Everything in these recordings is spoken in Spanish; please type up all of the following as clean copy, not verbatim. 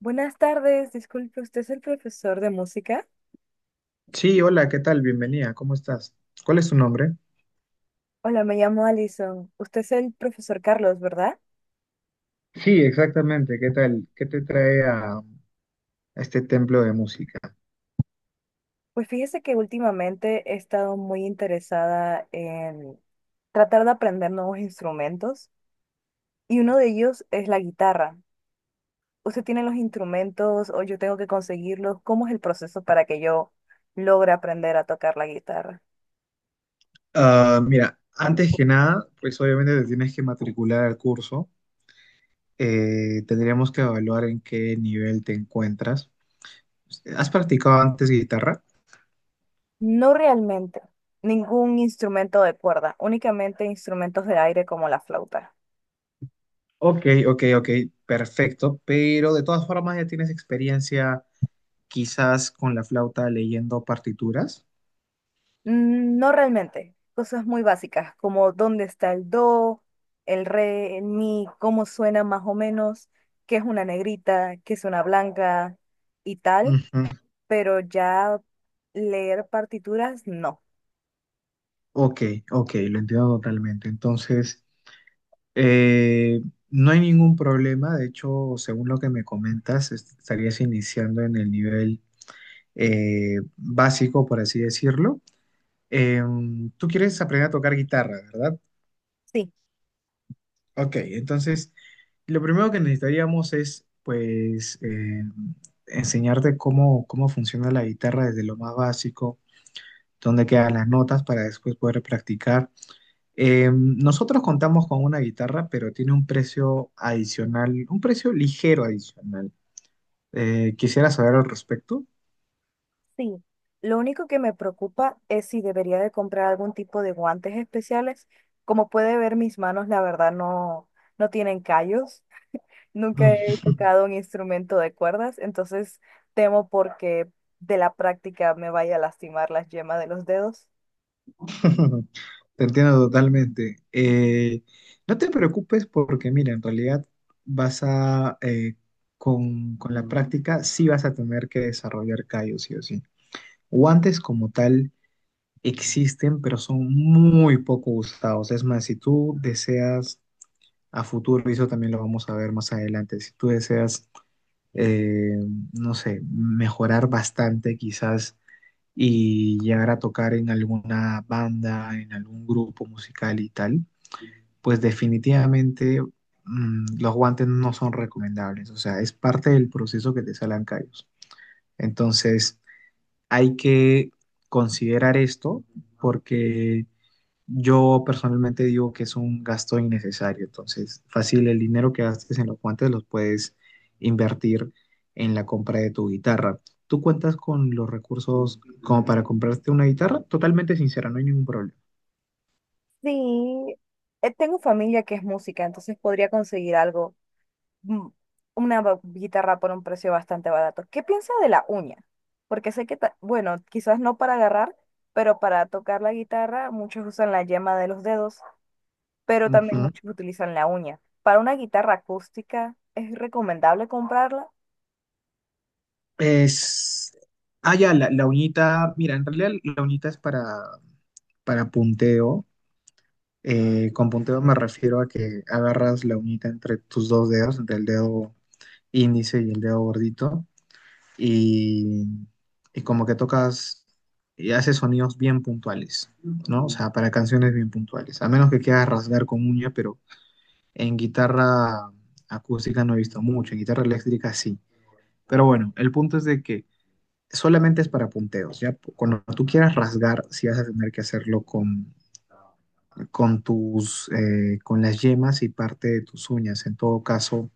Buenas tardes, disculpe, ¿usted es el profesor de música? Sí, hola, ¿qué tal? Bienvenida, ¿cómo estás? ¿Cuál es tu nombre? Hola, me llamo Alison. Usted es el profesor Carlos, ¿verdad? Sí, exactamente, ¿qué tal? ¿Qué te trae a este templo de música? Pues fíjese que últimamente he estado muy interesada en tratar de aprender nuevos instrumentos y uno de ellos es la guitarra. ¿Usted tiene los instrumentos o yo tengo que conseguirlos? ¿Cómo es el proceso para que yo logre aprender a tocar la guitarra? Ah, mira, antes que nada, pues obviamente te tienes que matricular al curso. Tendríamos que evaluar en qué nivel te encuentras. ¿Has practicado antes guitarra? No realmente, ningún instrumento de cuerda, únicamente instrumentos de aire como la flauta. Ok, ok, ok, perfecto, pero de todas formas ya tienes experiencia quizás con la flauta leyendo partituras. No realmente, cosas muy básicas, como dónde está el do, el re, el mi, cómo suena más o menos, qué es una negrita, qué es una blanca y tal, Ujú. pero ya leer partituras, no. Ok, ok, lo entiendo totalmente. Entonces, Eh, no hay ningún problema, de hecho, según lo que me comentas, estarías iniciando en el nivel básico, por así decirlo. Tú quieres aprender a tocar guitarra, ¿verdad? Sí, Ok, entonces, lo primero que necesitaríamos es, pues, enseñarte cómo funciona la guitarra desde lo más básico, dónde quedan las notas para después poder practicar. Nosotros contamos con una guitarra, pero tiene un precio adicional, un precio ligero adicional. Quisiera saber al respecto. sí. Lo único que me preocupa es si debería de comprar algún tipo de guantes especiales. Como puede ver, mis manos, la verdad, no, no tienen callos. Nunca he Mm. tocado un instrumento de cuerdas, entonces temo porque de la práctica me vaya a lastimar las yemas de los dedos. Te entiendo totalmente. No te preocupes porque, mira, en realidad vas a, con la práctica, sí vas a tener que desarrollar callos, sí o sí. Guantes como tal existen, pero son muy poco usados. Es más, si tú deseas a futuro, y eso también lo vamos a ver más adelante. Si tú deseas, eh, no sé, mejorar bastante quizás y llegar a tocar en alguna banda, en algún grupo musical y tal, pues definitivamente los guantes no son recomendables, o sea, es parte del proceso que te salen callos. Entonces, hay que considerar esto porque yo personalmente digo que es un gasto innecesario, entonces fácil el dinero que gastes en los guantes los puedes invertir en la compra de tu guitarra. ¿Tú cuentas con los recursos como para comprarte una guitarra? Totalmente sincera, no hay ningún problema. Sí, tengo familia que es música, entonces podría conseguir algo, mm, guitarra por un precio bastante barato. ¿Qué piensa de la uña? Porque sé que, bueno, quizás no para agarrar, pero para tocar la guitarra muchos usan la yema de los dedos, pero también Ujú. muchos utilizan la uña. Para una guitarra acústica, ¿es recomendable comprarla? Es... Ah, ya, la uñita, mira, en realidad la uñita es para punteo. Con punteo me refiero a que agarras la uñita entre tus dos dedos, entre el dedo índice y el dedo gordito y, y como que tocas y haces sonidos bien puntuales, ¿no? O sea, para canciones bien puntuales. A menos que quieras rasgar con uña, pero en guitarra acústica no he visto mucho, en guitarra eléctrica sí. Pero bueno, el punto es de que solamente es para punteos, ¿ya? Cuando tú quieras rasgar, sí vas a tener que hacerlo con tus, con las yemas y parte de tus uñas. En todo caso,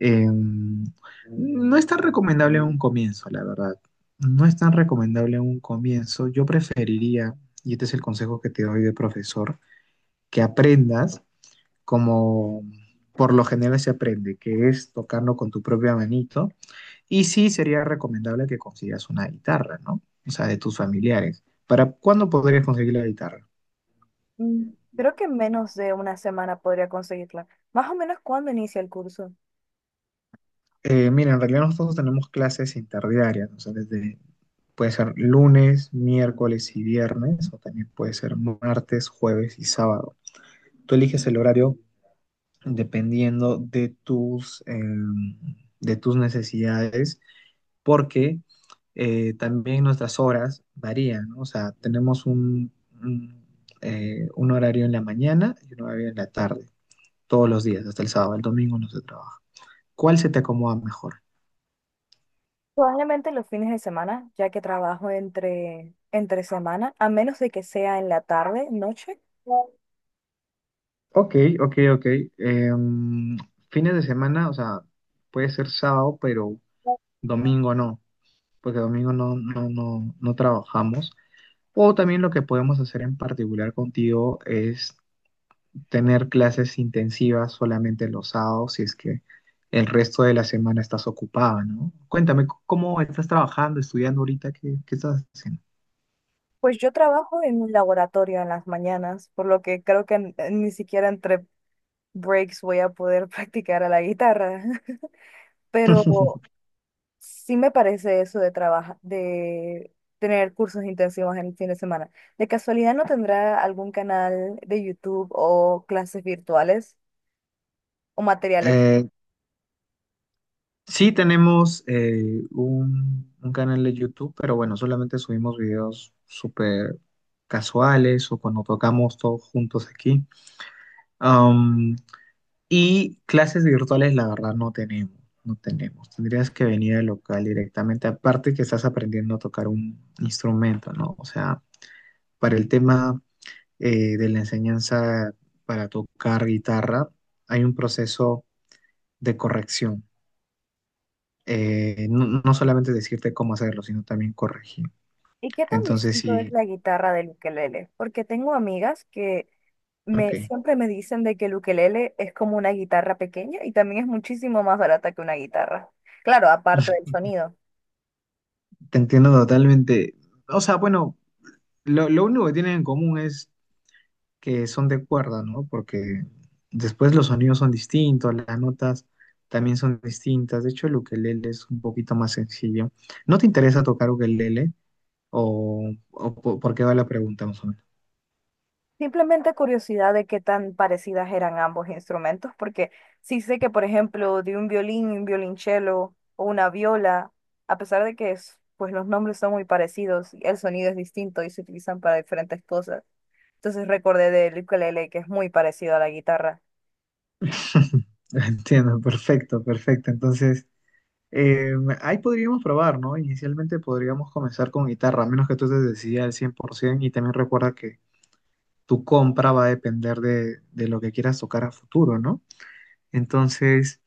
Eh, no es tan recomendable en un comienzo, la verdad. No es tan recomendable en un comienzo. Yo preferiría, y este es el consejo que te doy de profesor, que aprendas como por lo general se aprende, que es tocarlo con tu propia manito. Y sí sería recomendable que consigas una guitarra, ¿no? O sea, de tus familiares. ¿Para cuándo podrías conseguir la guitarra? Creo que en menos de una semana podría conseguirla. Más o menos cuando inicia el curso. Mira, en realidad nosotros no tenemos clases interdiarias, o sea, desde, puede ser lunes, miércoles y viernes, o también puede ser martes, jueves y sábado. Tú eliges el horario dependiendo de tus necesidades, porque también nuestras horas varían, ¿no? O sea, tenemos un, un horario en la mañana y un horario en la tarde, todos los días, hasta el sábado, el domingo no se trabaja. ¿Cuál se te acomoda mejor? Probablemente los fines de semana, ya que trabajo entre semana, a menos de que sea en la tarde, noche. Ok, ok, ok. Em, Fines de semana, o sea, puede ser sábado, pero domingo no, porque domingo no, no, no, no trabajamos. O también lo que podemos hacer en particular contigo es tener clases intensivas solamente los sábados, si es que el resto de la semana estás ocupada, ¿no? Cuéntame, ¿cómo estás trabajando, estudiando ahorita? ¿Qué estás haciendo? Pues yo trabajo en un laboratorio en las mañanas, por lo que creo que ni siquiera entre breaks voy a poder practicar a la guitarra. Pero sí me parece eso de trabajar, de tener cursos intensivos en el fin de semana. ¿De casualidad no tendrá algún canal de YouTube o clases virtuales o material extra? Sí, tenemos un canal de YouTube, pero bueno, solamente subimos videos súper casuales o cuando tocamos todos juntos aquí. Am, y clases virtuales, la verdad, no tenemos. Tendrías que venir al local directamente, aparte que estás aprendiendo a tocar un instrumento, ¿no? O sea, para el tema de la enseñanza para tocar guitarra, hay un proceso de corrección. No solamente decirte cómo hacerlo, sino también corregir. ¿Y qué tan Entonces distinto es sí, la guitarra del ukelele? Porque tengo amigas que ok, siempre me dicen de que el ukelele es como una guitarra pequeña y también es muchísimo más barata que una guitarra. Claro, aparte del sonido. te entiendo totalmente. O sea, bueno, lo único que tienen en común es que son de cuerda, ¿no? Porque después los sonidos son distintos, las notas también son distintas. De hecho, el ukelele es un poquito más sencillo. ¿No te interesa tocar ukelele? ¿O, por qué va la pregunta, más o menos? Simplemente curiosidad de qué tan parecidas eran ambos instrumentos, porque sí sé que, por ejemplo, de un violín, un violonchelo o una viola, a pesar de que pues los nombres son muy parecidos, el sonido es distinto y se utilizan para diferentes cosas. Entonces recordé del ukelele que es muy parecido a la guitarra. Entiendo, perfecto, perfecto. Entonces... Eh, Ahí podríamos probar, ¿no? Inicialmente podríamos comenzar con guitarra, a menos que tú te decidas al 100%, y también recuerda que tu compra va a depender de lo que quieras tocar a futuro, ¿no? Entonces,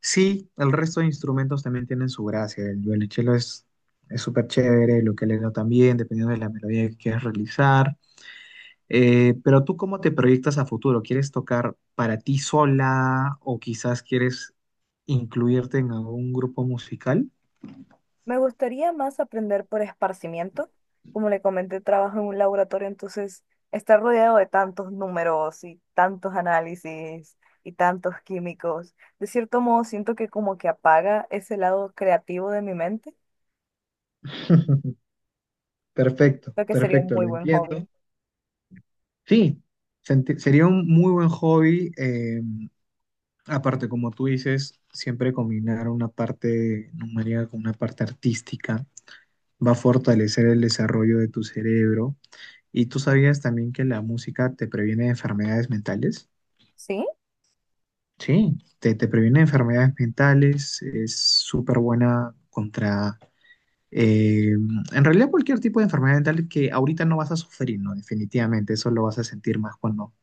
sí, el resto de instrumentos también tienen su gracia. El violonchelo Es súper chévere, el ukelele también, dependiendo de la melodía que quieras realizar. Pero tú, ¿cómo te proyectas a futuro? ¿Quieres tocar para ti sola o quizás quieres incluirte en algún grupo musical? Me gustaría más aprender por esparcimiento. Como le comenté, trabajo en un laboratorio, entonces estar rodeado de tantos números y tantos análisis y tantos químicos, de cierto modo siento que como que apaga ese lado creativo de mi mente, Perfecto, lo que sería un perfecto, muy lo buen hobby. entiendo. Sí, sería un muy buen hobby. Aparte, como tú dices, siempre combinar una parte numérica con una parte artística va a fortalecer el desarrollo de tu cerebro. ¿Y tú sabías también que la música te previene de enfermedades mentales? ¿Sí? Sí, te previene de enfermedades mentales, es súper buena contra... eh, en realidad cualquier tipo de enfermedad mental que ahorita no vas a sufrir, ¿no? Definitivamente, eso lo vas a sentir más cuando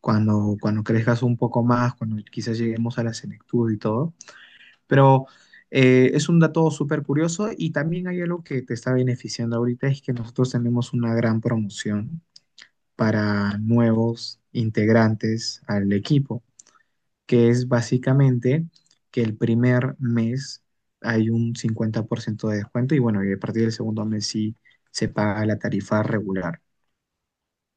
cuando, cuando crezcas un poco más, cuando quizás lleguemos a la senectud y todo. Pero es un dato súper curioso y también hay algo que te está beneficiando ahorita, es que nosotros tenemos una gran promoción para nuevos integrantes al equipo, que es básicamente que el primer mes hay un 50% de descuento y bueno, y a partir del segundo mes sí se paga la tarifa regular.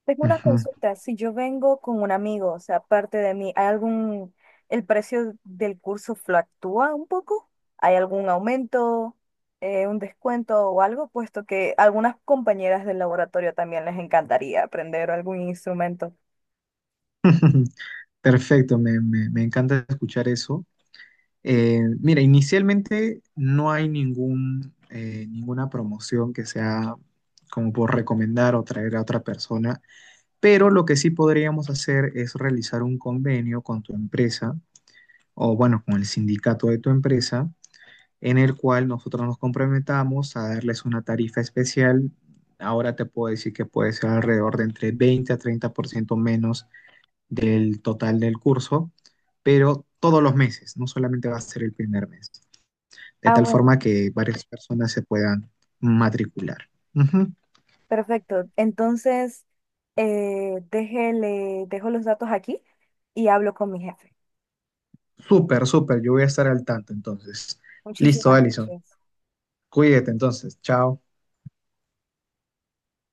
Tengo una Ujú. consulta. Si yo vengo con un amigo, o sea, aparte de mí, ¿hay algún, el precio del curso fluctúa un poco? ¿Hay algún aumento, un descuento o algo? Puesto que a algunas compañeras del laboratorio también les encantaría aprender algún instrumento. Perfecto, me encanta escuchar eso. Mira, inicialmente no hay ninguna promoción que sea como por recomendar o traer a otra persona, pero lo que sí podríamos hacer es realizar un convenio con tu empresa o bueno, con el sindicato de tu empresa, en el cual nosotros nos comprometamos a darles una tarifa especial. Ahora te puedo decir que puede ser alrededor de entre 20 a 30% menos del total del curso, pero todos los meses, no solamente va a ser el primer mes de Ah, tal bueno, forma que varias personas se puedan matricular. Ujú. perfecto. Entonces, dejo los datos aquí y hablo con mi jefe. Súper, súper, yo voy a estar al tanto entonces. Listo, Muchísimas Alison. gracias. Cuídate entonces. Chao.